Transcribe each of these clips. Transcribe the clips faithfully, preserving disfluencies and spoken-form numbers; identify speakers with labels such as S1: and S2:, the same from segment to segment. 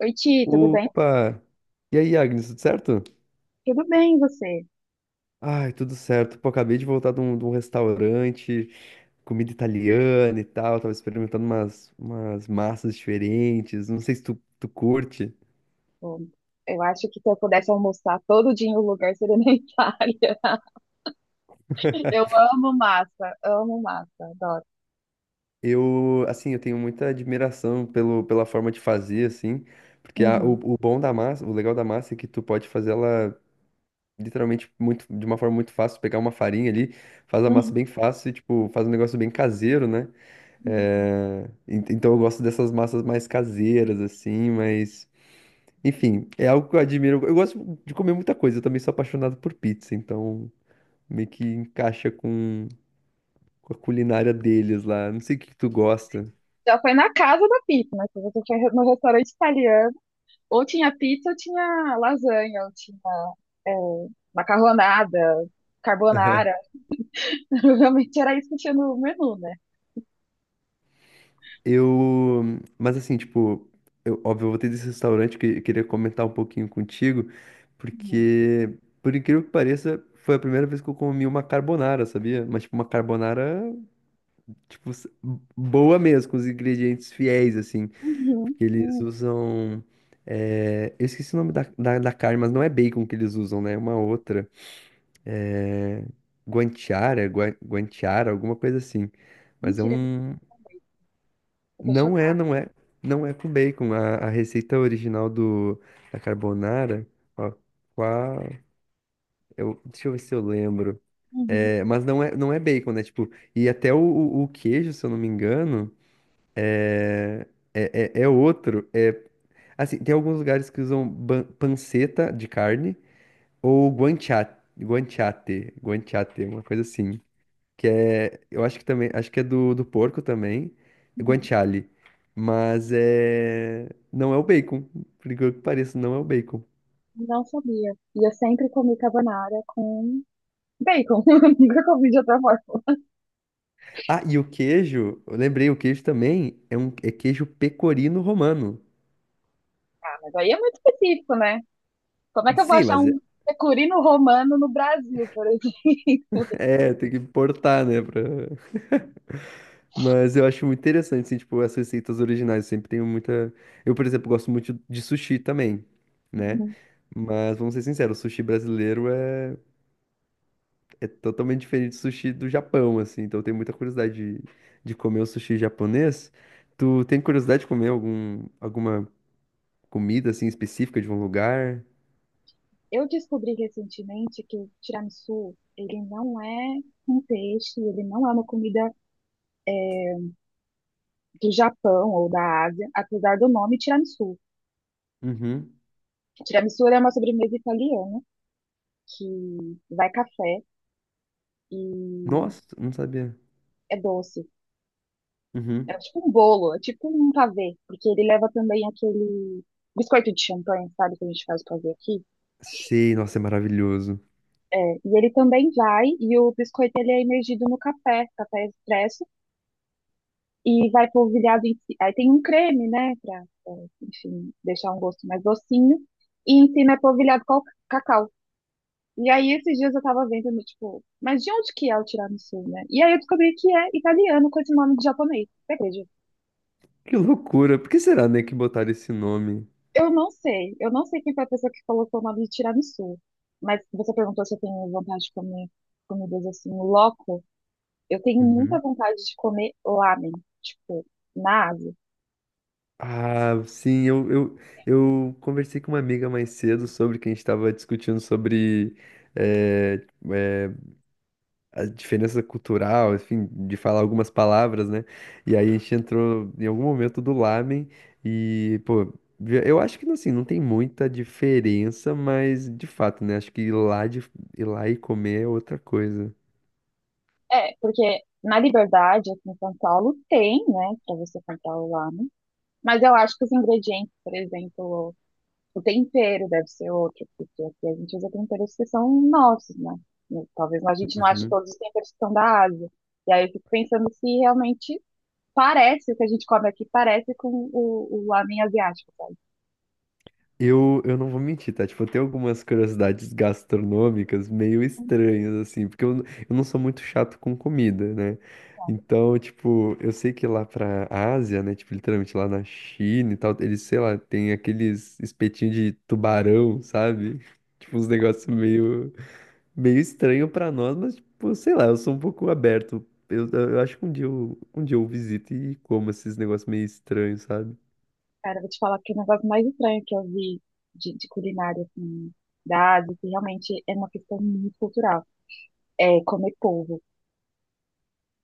S1: Oi, Ti, tudo bem?
S2: Opa! E aí, Agnes, tudo certo?
S1: Tudo bem, e você?
S2: Ai, tudo certo. Pô, acabei de voltar de um, de um restaurante, comida italiana e tal. Tava experimentando umas, umas massas diferentes. Não sei se tu, tu curte.
S1: Bom, eu acho que se eu pudesse almoçar todo dia em um lugar, seria na Itália. Eu amo massa, amo massa, adoro.
S2: Eu, assim, eu tenho muita admiração pelo, pela forma de fazer, assim, porque a- o,
S1: Uhum.
S2: o bom da massa, o legal da massa é que tu pode fazer ela literalmente muito, de uma forma muito fácil, pegar uma farinha ali, faz a massa
S1: Uhum.
S2: bem fácil e, tipo, faz um negócio bem caseiro, né?
S1: Uhum.
S2: É, en- Então eu gosto dessas massas mais caseiras, assim, mas. Enfim, é algo que eu admiro. Eu gosto de comer muita coisa, eu também sou apaixonado por pizza, então meio que encaixa com, com a culinária deles lá. Não sei o que que tu gosta.
S1: Já foi na casa da pizza, né? Se você foi no restaurante italiano, ou tinha pizza, ou tinha lasanha, ou tinha é, macarronada, carbonara. Realmente era isso que tinha no menu, né?
S2: Eu. Mas assim, tipo, eu, óbvio, eu vou ter desse restaurante que eu queria comentar um pouquinho contigo,
S1: Uhum.
S2: porque, por incrível que pareça, foi a primeira vez que eu comi uma carbonara, sabia? Mas, tipo, uma carbonara Tipo, s- boa mesmo, com os ingredientes fiéis, assim.
S1: Uhum.
S2: Porque eles
S1: Uhum.
S2: usam. é, eu esqueci o nome da, da, da carne, mas não é bacon que eles usam, né? É uma outra. É, guanciara, gua- guanciara, alguma coisa assim. Mas é
S1: Mentira,
S2: um.
S1: eu tô
S2: Não é,
S1: chocada.
S2: não é. Não é com bacon. A, a receita original do, da carbonara. Ó, qual. Eu, deixa eu ver se eu lembro.
S1: Uhum.
S2: É, mas não é, não é bacon, né? Tipo, e até o, o o queijo, se eu não me engano. É, é, é outro. É, assim, tem alguns lugares que usam ban- panceta de carne ou guanciate, guanciate, guanciate, uma coisa assim. Que é, eu acho que também, acho que é do, do porco também, é
S1: Uhum.
S2: guanciale. Mas é, não é o bacon, por incrível que pareça, não é o bacon.
S1: Não sabia. E eu sempre comi carbonara com bacon. Nunca comi de outra forma.
S2: Ah, e o queijo, eu lembrei, o queijo também é um é queijo pecorino romano.
S1: Ah, mas aí é muito específico, né? Como é que eu vou
S2: Sim,
S1: achar
S2: mas é,
S1: um pecorino romano no Brasil, por exemplo?
S2: é, tem que importar, né, pra... Mas eu acho muito interessante, assim, tipo, as receitas originais. Eu sempre tenho muita. Eu, por exemplo, gosto muito de sushi também, né? Mas vamos ser sinceros, o sushi brasileiro é, é totalmente diferente do sushi do Japão, assim. Então eu tenho muita curiosidade de, de comer o sushi japonês. Tu tem curiosidade de comer algum, alguma comida, assim, específica de um lugar?
S1: Eu descobri recentemente que o tiramisu, ele não é um peixe, ele não é uma comida do Japão ou da Ásia, apesar do nome tiramisu.
S2: Uhum.
S1: Tiramisu ele é uma sobremesa italiana que vai café e
S2: Nossa, não sabia.
S1: é doce. É
S2: Uhum.
S1: tipo um bolo, é tipo um pavê, porque ele leva também aquele biscoito de champanhe, sabe, que a gente faz pavê aqui.
S2: Sei, nossa, é maravilhoso.
S1: É, e ele também vai, e o biscoito ele é imergido no café, café expresso, e vai polvilhado em ci- aí tem um creme, né, pra, é, enfim, deixar um gosto mais docinho, e em cima é polvilhado com cacau. E aí esses dias eu tava vendo, no, tipo, mas de onde que é o tiramisu, né? E aí eu descobri que é italiano com esse nome de japonês, você acredita?
S2: Que loucura. Por que será, né, que botaram esse nome?
S1: Eu não sei. Eu não sei quem foi a pessoa que colocou o nome de tiramisu. Mas você perguntou se eu tenho vontade de comer comidas assim, loco. Eu tenho muita
S2: Uhum.
S1: vontade de comer lamen, tipo, na Ásia.
S2: Ah, sim, eu, eu, eu conversei com uma amiga mais cedo sobre que a gente estava discutindo sobre eh, eh, a diferença cultural, enfim, de falar algumas palavras, né? E aí a gente entrou em algum momento do lamen e, pô, vi- eu acho que assim, não tem muita diferença, mas de fato, né? Acho que ir lá, de, ir lá e comer é outra coisa.
S1: É, porque na Liberdade, aqui em São Paulo, tem, né, pra você comprar o lamen. Mas eu acho que os ingredientes, por exemplo, o tempero deve ser outro, porque aqui a gente usa temperos que são nossos, né? Talvez a gente não ache todos os temperos que são da Ásia. E aí eu fico pensando se realmente parece, o que a gente come aqui parece com o, o lamen asiático, sabe?
S2: Eu, eu não vou mentir, tá? Tipo, eu tenho algumas curiosidades gastronômicas meio estranhas, assim, porque eu, n- eu não sou muito chato com comida, né? Então, tipo, eu sei que lá pra Ásia, né? Tipo, literalmente lá na China e tal, eles, sei lá, tem aqueles espetinhos de tubarão, sabe? Tipo, uns negócios meio, meio estranho pra nós, mas, tipo, sei lá, eu sou um pouco aberto. Eu, eu acho que um dia eu, um dia eu visito e como esses negócios meio estranhos, sabe?
S1: Cara, eu vou te falar que é o negócio mais estranho que eu vi de, de culinária, assim, da Ásia, que realmente é uma questão muito cultural. É comer polvo.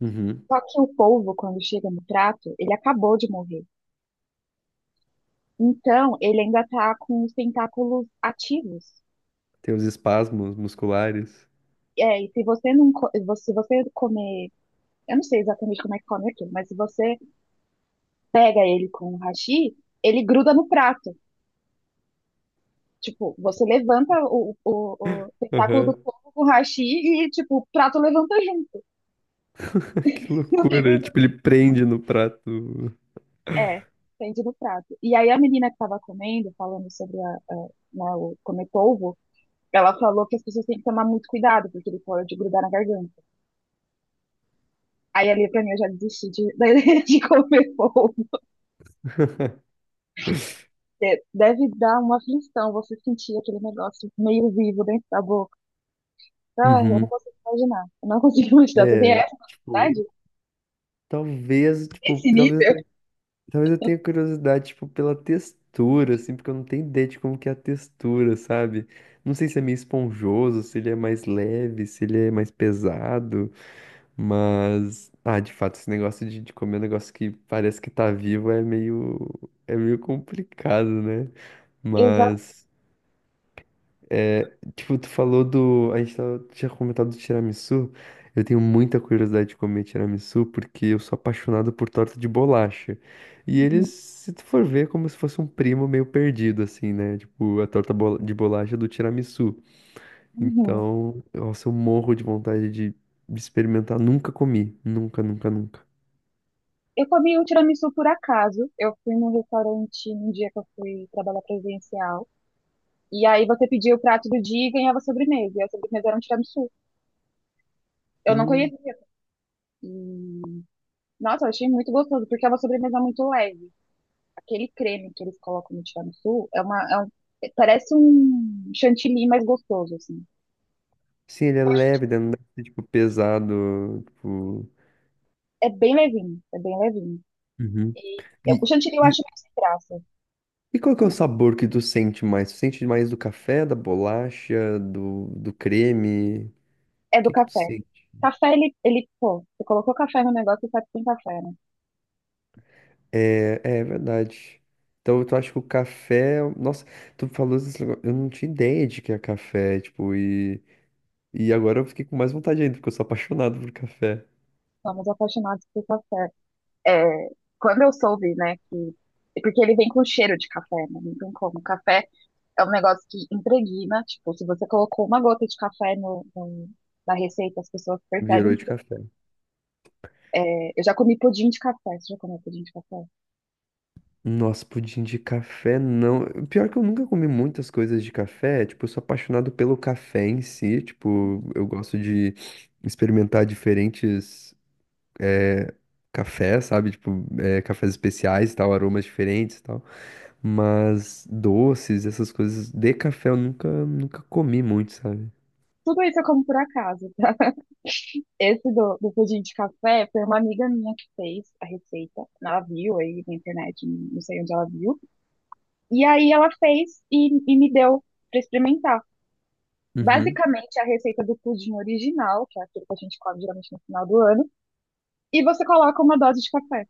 S2: Uhum.
S1: Só que o polvo, quando chega no prato, ele acabou de morrer. Então, ele ainda tá com os tentáculos ativos.
S2: Tem os espasmos musculares.
S1: É, e se você não, co- se você comer, eu não sei exatamente como é que come aquilo, mas se você pega ele com o hashi, ele gruda no prato. Tipo, você levanta o, o, o tentáculo do
S2: Aham.
S1: coco com o hashi e, tipo, o prato levanta junto.
S2: Que
S1: Eu fiquei
S2: loucura.
S1: pensando,
S2: Tipo, ele prende no prato.
S1: é, depende no prato. E aí a menina que tava comendo, falando sobre a, a, né, o comer polvo, ela falou que as pessoas têm que tomar muito cuidado, porque ele pode grudar na garganta. Aí ali pra mim eu já desisti de, da ideia de comer polvo. Porque deve dar uma aflição você sentir aquele negócio meio vivo dentro da boca. Ah, eu não
S2: Uhum.
S1: consigo imaginar. Eu não consigo imaginar. Você tem
S2: É,
S1: essa
S2: tipo,
S1: capacidade?
S2: talvez, tipo,
S1: Esse
S2: talvez eu
S1: nível?
S2: tenha, talvez eu tenha curiosidade, tipo, pela textura, assim, porque eu não tenho ideia de como que é a textura, sabe? Não sei se é meio esponjoso, se ele é mais leve, se ele é mais pesado, mas, ah, de fato, esse negócio de, de comer um negócio que parece que tá vivo é meio, é meio complicado, né?
S1: Exato.
S2: Mas Tipo, tu falou do. A gente tava- tinha comentado do tiramisu. Eu tenho muita curiosidade de comer tiramisu porque eu sou apaixonado por torta de bolacha. E eles, se tu for ver, é como se fosse um primo meio perdido, assim, né? Tipo, a torta bol- de bolacha do tiramisu.
S1: Uhum.
S2: Então, nossa, eu morro de vontade de de experimentar. Nunca comi. Nunca, nunca, nunca.
S1: Eu comi um tiramisu por acaso. Eu fui num restaurante num dia que eu fui trabalhar presencial. E aí você pedia o prato do dia e ganhava sobremesa. E a sobremesa era um tiramisu. Eu não
S2: Hum.
S1: conhecia. E, nossa, eu achei muito gostoso, porque é uma sobremesa muito leve. Aquele creme que eles colocam no tiramisu é uma, é um- é, parece um chantilly mais gostoso, assim.
S2: Sim, ele é
S1: Eu acho que
S2: leve, né? Não deve ser, tipo, pesado. Tipo.
S1: é bem levinho, é bem levinho.
S2: Uhum.
S1: E eu- o
S2: E,
S1: chantilly eu
S2: e
S1: acho mais sem graça.
S2: E qual que é o
S1: Né?
S2: sabor que tu sente mais? Tu sente mais do café, da bolacha, do, do creme? O
S1: É do
S2: que que tu
S1: café.
S2: sente?
S1: Café, ele, ele, pô, você colocou café no negócio, você sabe que tem café, né?
S2: É, é verdade. Então tu acha que o café. Nossa, tu falou esse negócio. Eu não tinha ideia de que é café, tipo, e, e agora eu fiquei com mais vontade ainda, porque eu sou apaixonado por café.
S1: Somos apaixonados por café. É, quando eu soube, né, que. Porque ele vem com cheiro de café, né? Não tem como. Café é um negócio que impregna, tipo, se você colocou uma gota de café no, no- na receita, as pessoas
S2: Virou
S1: percebem que.
S2: de café.
S1: É, eu já comi pudim de café. Você já comeu pudim de café?
S2: Nossa, pudim de café não. Pior que eu nunca comi muitas coisas de café. Tipo, eu sou apaixonado pelo café em si. Tipo, eu gosto de experimentar diferentes. é, café, sabe? Tipo, é, cafés especiais e tal, aromas diferentes e tal. Mas doces, essas coisas de café eu nunca, nunca comi muito, sabe?
S1: Tudo isso eu como por acaso. Esse do, do pudim de café foi uma amiga minha que fez a receita. Ela viu aí na internet, não sei onde ela viu. E aí ela fez e, e me deu para experimentar.
S2: Uhum.
S1: Basicamente, a receita do pudim original, que é aquilo que a gente come geralmente no final do ano, e você coloca uma dose de café.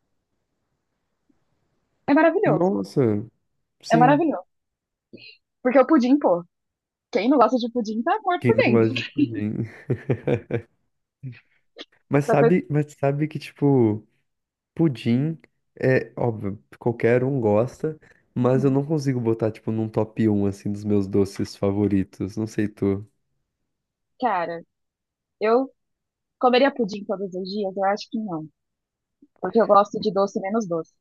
S1: É maravilhoso.
S2: Nossa,
S1: É
S2: sim.
S1: maravilhoso. Porque o pudim, pô, quem não gosta de pudim tá morto
S2: Quem
S1: por
S2: não
S1: dentro.
S2: gosta de pudim? Mas
S1: Tá fe-
S2: sabe, mas sabe que, tipo, pudim é óbvio, qualquer um gosta, mas eu
S1: Uhum.
S2: não consigo botar, tipo, num top um assim, dos meus doces favoritos. Não sei tu,
S1: Cara, eu comeria pudim todos os dias? Eu acho que não. Porque eu gosto de doce menos doce.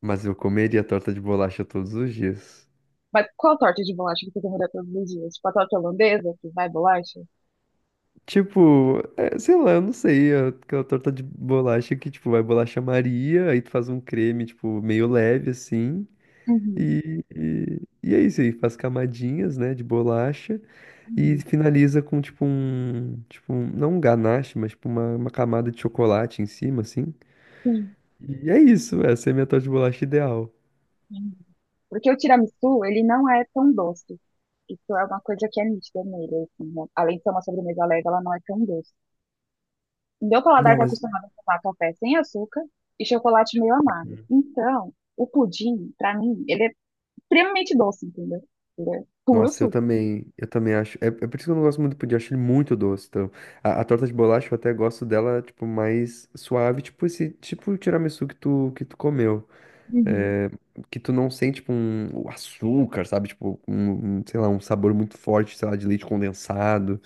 S2: mas eu comeria torta de bolacha todos os dias.
S1: Mas qual torta de bolacha que você comeria todos os dias? Tipo a torta holandesa, que vai bolacha?
S2: Tipo, é, sei lá, eu não sei, é aquela torta de bolacha que, tipo, vai bolacha Maria, aí tu faz um creme, tipo, meio leve, assim,
S1: Uhum,
S2: e, e, e é isso aí, faz camadinhas, né, de bolacha, e
S1: uhum,
S2: finaliza com, tipo, um, tipo, um- não um ganache, mas, tipo, uma, uma camada de chocolate em cima, assim, e é isso, essa é a minha torta de bolacha ideal.
S1: sim. Porque o tiramisu, ele não é tão doce. Isso é uma coisa que é nítida nele, assim, né? Além de ser uma sobremesa leve, ela não é tão doce. Meu paladar
S2: Não,
S1: está
S2: mas...
S1: acostumado a tomar café sem açúcar e chocolate meio amargo. Então, o pudim, pra mim, ele é extremamente doce, entendeu? Ele é puro
S2: Nossa, eu
S1: suco.
S2: também, eu também acho. É, é por isso que eu não gosto muito do pudim, eu acho ele muito doce. Então, a, a torta de bolacha eu até gosto dela, tipo, mais suave, tipo esse, tipo o tiramisu que tu, que tu comeu.
S1: Uhum.
S2: É, que tu não sente, tipo, um, o açúcar, sabe? Tipo, um, um, sei lá, um sabor muito forte, sei lá, de leite condensado.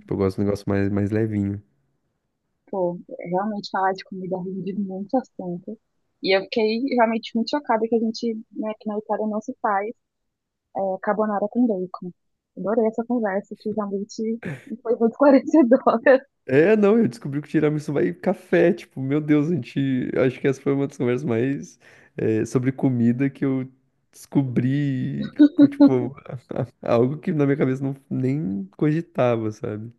S2: Tipo, eu gosto de um negócio mais, mais levinho.
S1: Pô, realmente falar de comida rende muito assunto. E eu fiquei realmente muito chocada que a gente, né, que na Itália não se faz. É, carbonara com bacon. Adorei essa conversa, que realmente foi muito esclarecedora.
S2: É, não, eu descobri que o tiramisu vai em café, tipo, meu Deus, a gente, acho que essa foi uma das conversas mais, é, sobre comida que eu descobri, com, tipo, algo que na minha cabeça não nem cogitava, sabe?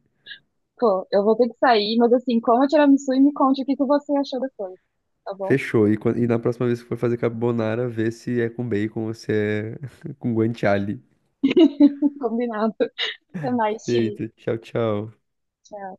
S1: Pô, eu vou ter que sair, mas assim, coma tiramisu e me conte o que que você achou depois, tá bom?
S2: Fechou. E, quan- e na próxima vez que for fazer carbonara, vê se é com bacon ou se é com guanciale.
S1: Combinado. Até mais, Ti.
S2: Eita, tchau, tchau.
S1: Tchau.